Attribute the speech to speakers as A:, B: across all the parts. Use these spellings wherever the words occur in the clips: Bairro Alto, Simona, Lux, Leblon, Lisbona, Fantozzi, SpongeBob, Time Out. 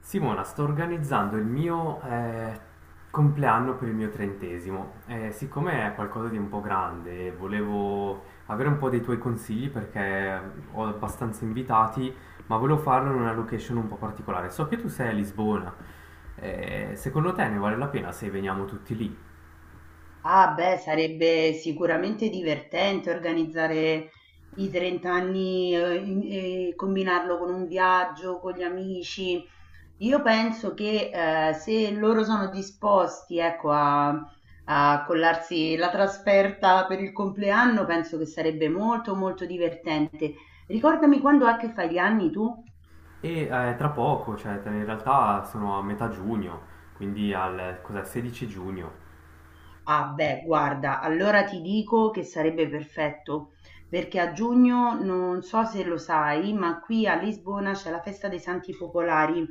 A: Simona, sto organizzando il mio compleanno per il mio trentesimo. Siccome è qualcosa di un po' grande, volevo avere un po' dei tuoi consigli perché ho abbastanza invitati, ma volevo farlo in una location un po' particolare. So che tu sei a Lisbona. Secondo te ne vale la pena se veniamo tutti lì?
B: Ah, beh, sarebbe sicuramente divertente organizzare i 30 anni e combinarlo con un viaggio, con gli amici. Io penso che se loro sono disposti, ecco, a, a collarsi la trasferta per il compleanno, penso che sarebbe molto, molto divertente. Ricordami quando è che fai gli anni tu?
A: E tra poco, cioè in realtà sono a metà giugno, quindi al cos'è, 16 giugno.
B: Ah beh, guarda, allora ti dico che sarebbe perfetto, perché a giugno non so se lo sai, ma qui a Lisbona c'è la festa dei Santi Popolari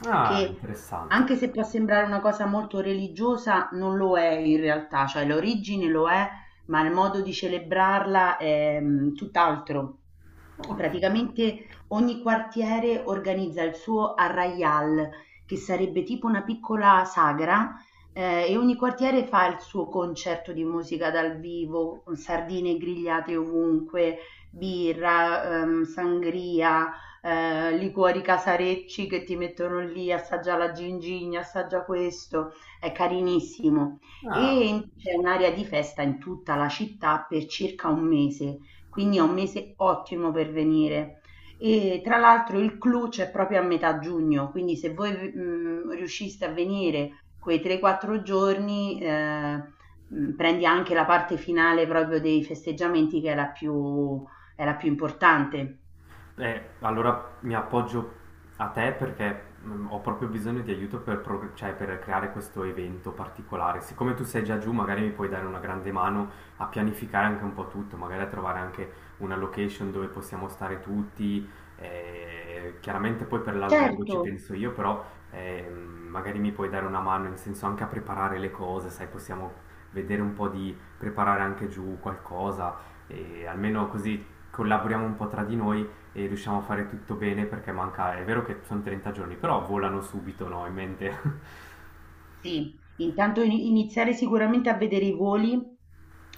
A: Ah,
B: che
A: interessante.
B: anche se può sembrare una cosa molto religiosa, non lo è in realtà, cioè l'origine lo è, ma il modo di celebrarla è tutt'altro.
A: Ok.
B: Praticamente ogni quartiere organizza il suo arraial, che sarebbe tipo una piccola sagra, e ogni quartiere fa il suo concerto di musica dal vivo, sardine grigliate ovunque, birra, sangria, liquori casarecci che ti mettono lì, assaggia la gingigna, assaggia questo, è carinissimo.
A: Ah.
B: C'è un'area di festa in tutta la città per circa un mese, quindi è un mese ottimo per venire. E tra l'altro il clou c'è proprio a metà giugno, quindi se voi riusciste a venire quei 3-4 giorni, prendi anche la parte finale proprio dei festeggiamenti che è la più importante.
A: Allora mi appoggio a te perché ho proprio bisogno di aiuto per, cioè, per creare questo evento particolare. Siccome tu sei già giù, magari mi puoi dare una grande mano a pianificare anche un po' tutto, magari a trovare anche una location dove possiamo stare tutti. Chiaramente poi per l'albergo
B: Certo,
A: ci penso io, però magari mi puoi dare una mano in senso anche a preparare le cose, sai, possiamo vedere un po' di preparare anche giù qualcosa e almeno così collaboriamo un po' tra di noi e riusciamo a fare tutto bene perché manca, è vero che sono 30 giorni, però volano subito, no? In mente.
B: sì, intanto iniziare sicuramente a vedere i voli,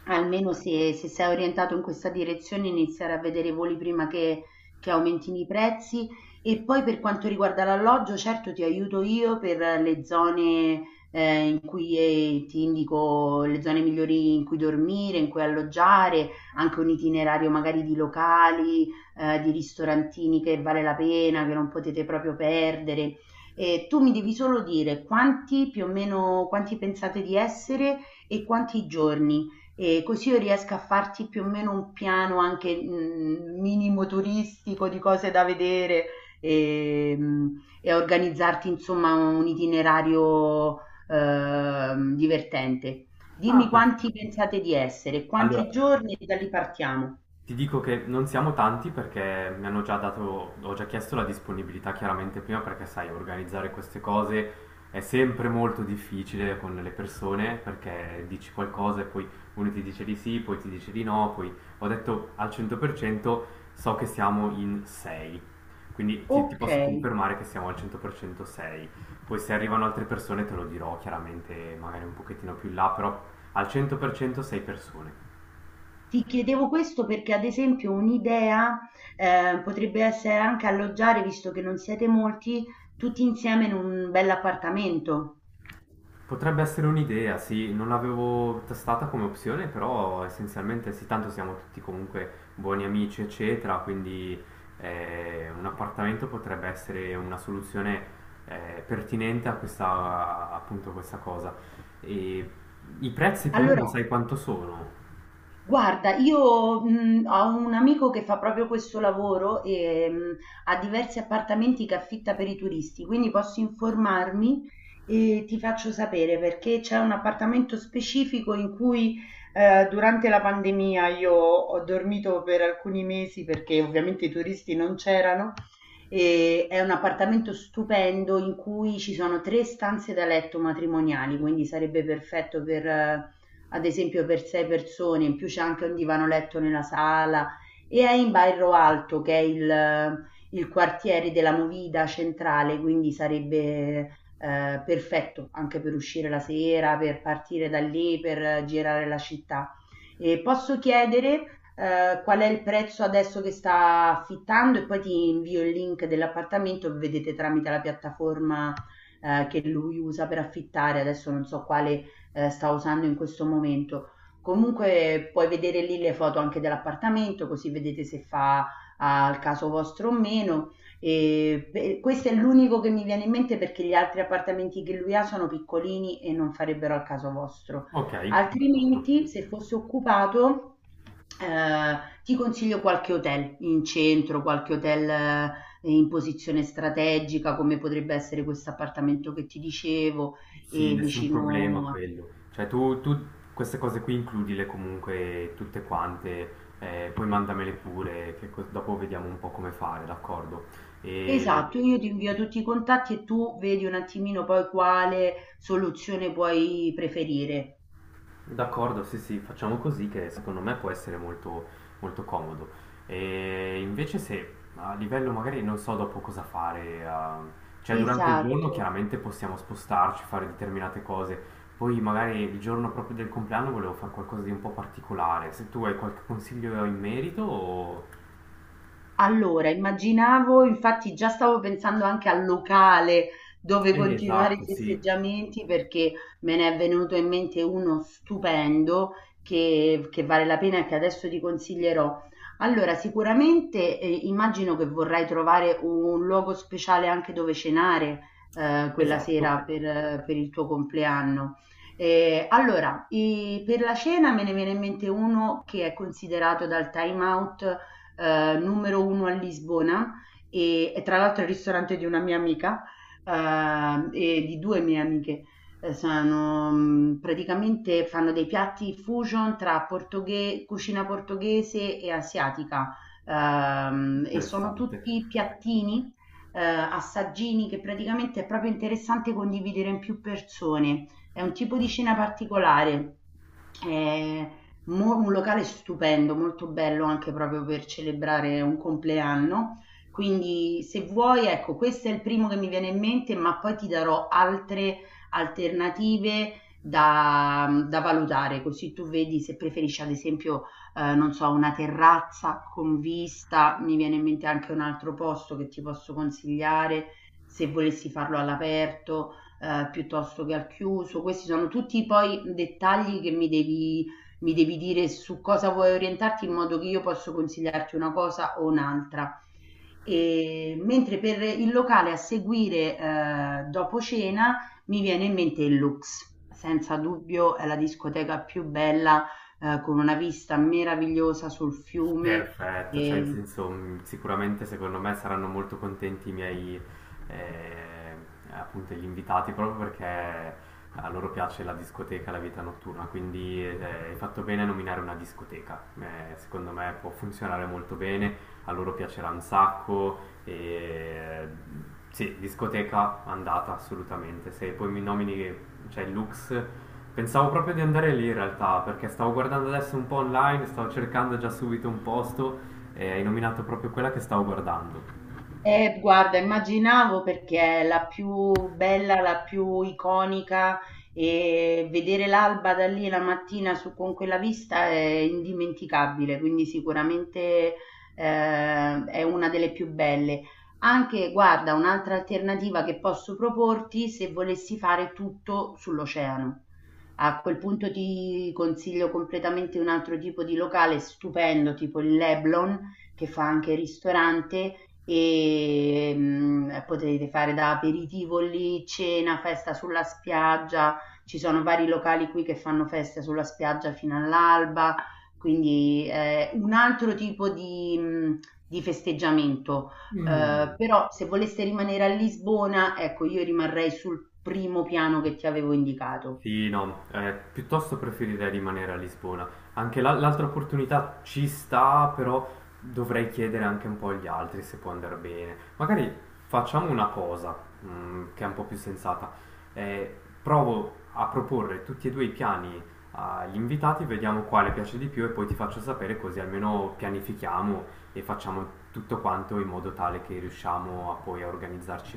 B: almeno se, se sei orientato in questa direzione, iniziare a vedere i voli prima che aumentino i prezzi. E poi per quanto riguarda l'alloggio, certo ti aiuto io per le zone in cui ti indico le zone migliori in cui dormire, in cui alloggiare, anche un itinerario magari di locali, di ristorantini che vale la pena, che non potete proprio perdere. Tu mi devi solo dire quanti più o meno quanti pensate di essere e quanti giorni, così io riesco a farti più o meno un piano anche, minimo turistico di cose da vedere, e a organizzarti insomma un itinerario divertente.
A: ah,
B: Dimmi
A: perfetto.
B: quanti pensate di essere,
A: Allora,
B: quanti giorni e da lì partiamo.
A: ti dico che non siamo tanti perché mi hanno già dato, ho già chiesto la disponibilità chiaramente prima perché sai, organizzare queste cose è sempre molto difficile con le persone perché dici qualcosa e poi uno ti dice di sì, poi ti dice di no, poi ho detto al 100% so che siamo in 6, quindi ti posso
B: Okay.
A: confermare che siamo al 100% 6. Poi se arrivano altre persone te lo dirò chiaramente magari un pochettino più in là, però al 100% 6 persone.
B: Ti chiedevo questo perché, ad esempio, un'idea potrebbe essere anche alloggiare, visto che non siete molti, tutti insieme in un bell'appartamento.
A: Potrebbe essere un'idea, sì, non l'avevo testata come opzione, però essenzialmente sì, tanto siamo tutti comunque buoni amici, eccetera, quindi un appartamento potrebbe essere una soluzione pertinente a questa, appunto, questa cosa. E i prezzi più o meno
B: Allora,
A: sai quanto sono?
B: guarda, io, ho un amico che fa proprio questo lavoro, ha diversi appartamenti che affitta per i turisti, quindi posso informarmi e ti faccio sapere, perché c'è un appartamento specifico in cui, durante la pandemia io ho dormito per alcuni mesi perché ovviamente i turisti non c'erano. È un appartamento stupendo in cui ci sono 3 stanze da letto matrimoniali, quindi sarebbe perfetto per ad esempio per 6 persone, in più c'è anche un divano letto nella sala e è in Bairro Alto che è il quartiere della Movida centrale, quindi sarebbe perfetto anche per uscire la sera, per partire da lì, per girare la città. E posso chiedere qual è il prezzo adesso che sta affittando e poi ti invio il link dell'appartamento, vedete tramite la piattaforma che lui usa per affittare, adesso non so quale sta usando in questo momento. Comunque puoi vedere lì le foto anche dell'appartamento, così vedete se fa al caso vostro o meno. E beh, questo è l'unico che mi viene in mente perché gli altri appartamenti che lui ha sono piccolini e non farebbero al caso vostro.
A: Ok, d'accordo.
B: Altrimenti, se fosse occupato, eh, ti consiglio qualche hotel in centro, qualche hotel in posizione strategica, come potrebbe essere questo appartamento che ti dicevo,
A: Sì,
B: e
A: nessun problema
B: vicino a...
A: quello. Cioè tu queste cose qui includile comunque tutte quante, poi mandamele pure, che dopo vediamo un po' come fare, d'accordo? E
B: Esatto, io ti invio tutti i contatti e tu vedi un attimino poi quale soluzione puoi preferire.
A: d'accordo, sì, sì, facciamo così che secondo me può essere molto, molto comodo. E invece se a livello magari non so dopo cosa fare, ah, cioè durante il giorno
B: Esatto.
A: chiaramente possiamo spostarci, fare determinate cose, poi magari il giorno proprio del compleanno volevo fare qualcosa di un po' particolare, se tu hai qualche consiglio in merito o...
B: Allora, immaginavo, infatti già stavo pensando anche al locale dove continuare i
A: Esatto, sì,
B: festeggiamenti, perché me ne è venuto in mente uno stupendo che vale la pena e che adesso ti consiglierò. Allora, sicuramente immagino che vorrai trovare un luogo speciale anche dove cenare quella
A: esatto,
B: sera per il tuo compleanno. Per la cena me ne viene in mente uno che è considerato dal Time Out numero uno a Lisbona e tra l'altro è il ristorante di una mia amica, e di due mie amiche. Sono, praticamente fanno dei piatti fusion tra cucina portoghese e asiatica, e sono
A: interessante.
B: tutti piattini, assaggini che praticamente è proprio interessante condividere in più persone. È un tipo di cena particolare. Eh, Mo un locale stupendo, molto bello anche proprio per celebrare un compleanno. Quindi se vuoi, ecco, questo è il primo che mi viene in mente, ma poi ti darò altre alternative da, da valutare, così tu vedi se preferisci ad esempio, non so, una terrazza con vista, mi viene in mente anche un altro posto che ti posso consigliare se volessi farlo all'aperto, piuttosto che al chiuso. Questi sono tutti poi dettagli che mi devi dire su cosa vuoi orientarti in modo che io posso consigliarti una cosa o un'altra. E, mentre per il locale a seguire dopo cena mi viene in mente il Lux. Senza dubbio è la discoteca più bella, con una vista meravigliosa sul fiume.
A: Perfetto, cioè in
B: E
A: senso sicuramente secondo me saranno molto contenti i miei eh, appunto gli invitati proprio perché a loro piace la discoteca, la vita notturna, quindi hai fatto bene a nominare una discoteca. Secondo me può funzionare molto bene, a loro piacerà un sacco e sì, discoteca andata assolutamente, se poi mi nomini cioè il Lux. Pensavo proprio di andare lì in realtà, perché stavo guardando adesso un po' online, stavo cercando già subito un posto e hai nominato proprio quella che stavo guardando.
B: Guarda, immaginavo perché è la più bella, la più iconica e vedere l'alba da lì la mattina con quella vista è indimenticabile, quindi sicuramente è una delle più belle. Anche, guarda, un'altra alternativa che posso proporti se volessi fare tutto sull'oceano. A quel punto ti consiglio completamente un altro tipo di locale stupendo, tipo il Leblon che fa anche ristorante e potete fare da aperitivo lì, cena, festa sulla spiaggia, ci sono vari locali qui che fanno feste sulla spiaggia fino all'alba, quindi è un altro tipo di festeggiamento.
A: Mm.
B: Però se voleste rimanere a Lisbona, ecco, io rimarrei sul primo piano che ti avevo indicato.
A: Sì, no, piuttosto preferirei rimanere a Lisbona. Anche l'altra opportunità ci sta, però dovrei chiedere anche un po' agli altri se può andare bene. Magari facciamo una cosa, mm, che è un po' più sensata. Eh, provo a proporre tutti e due i piani agli invitati, vediamo quale piace di più e poi ti faccio sapere così almeno pianifichiamo e facciamo tutto quanto in modo tale che riusciamo a poi a organizzarci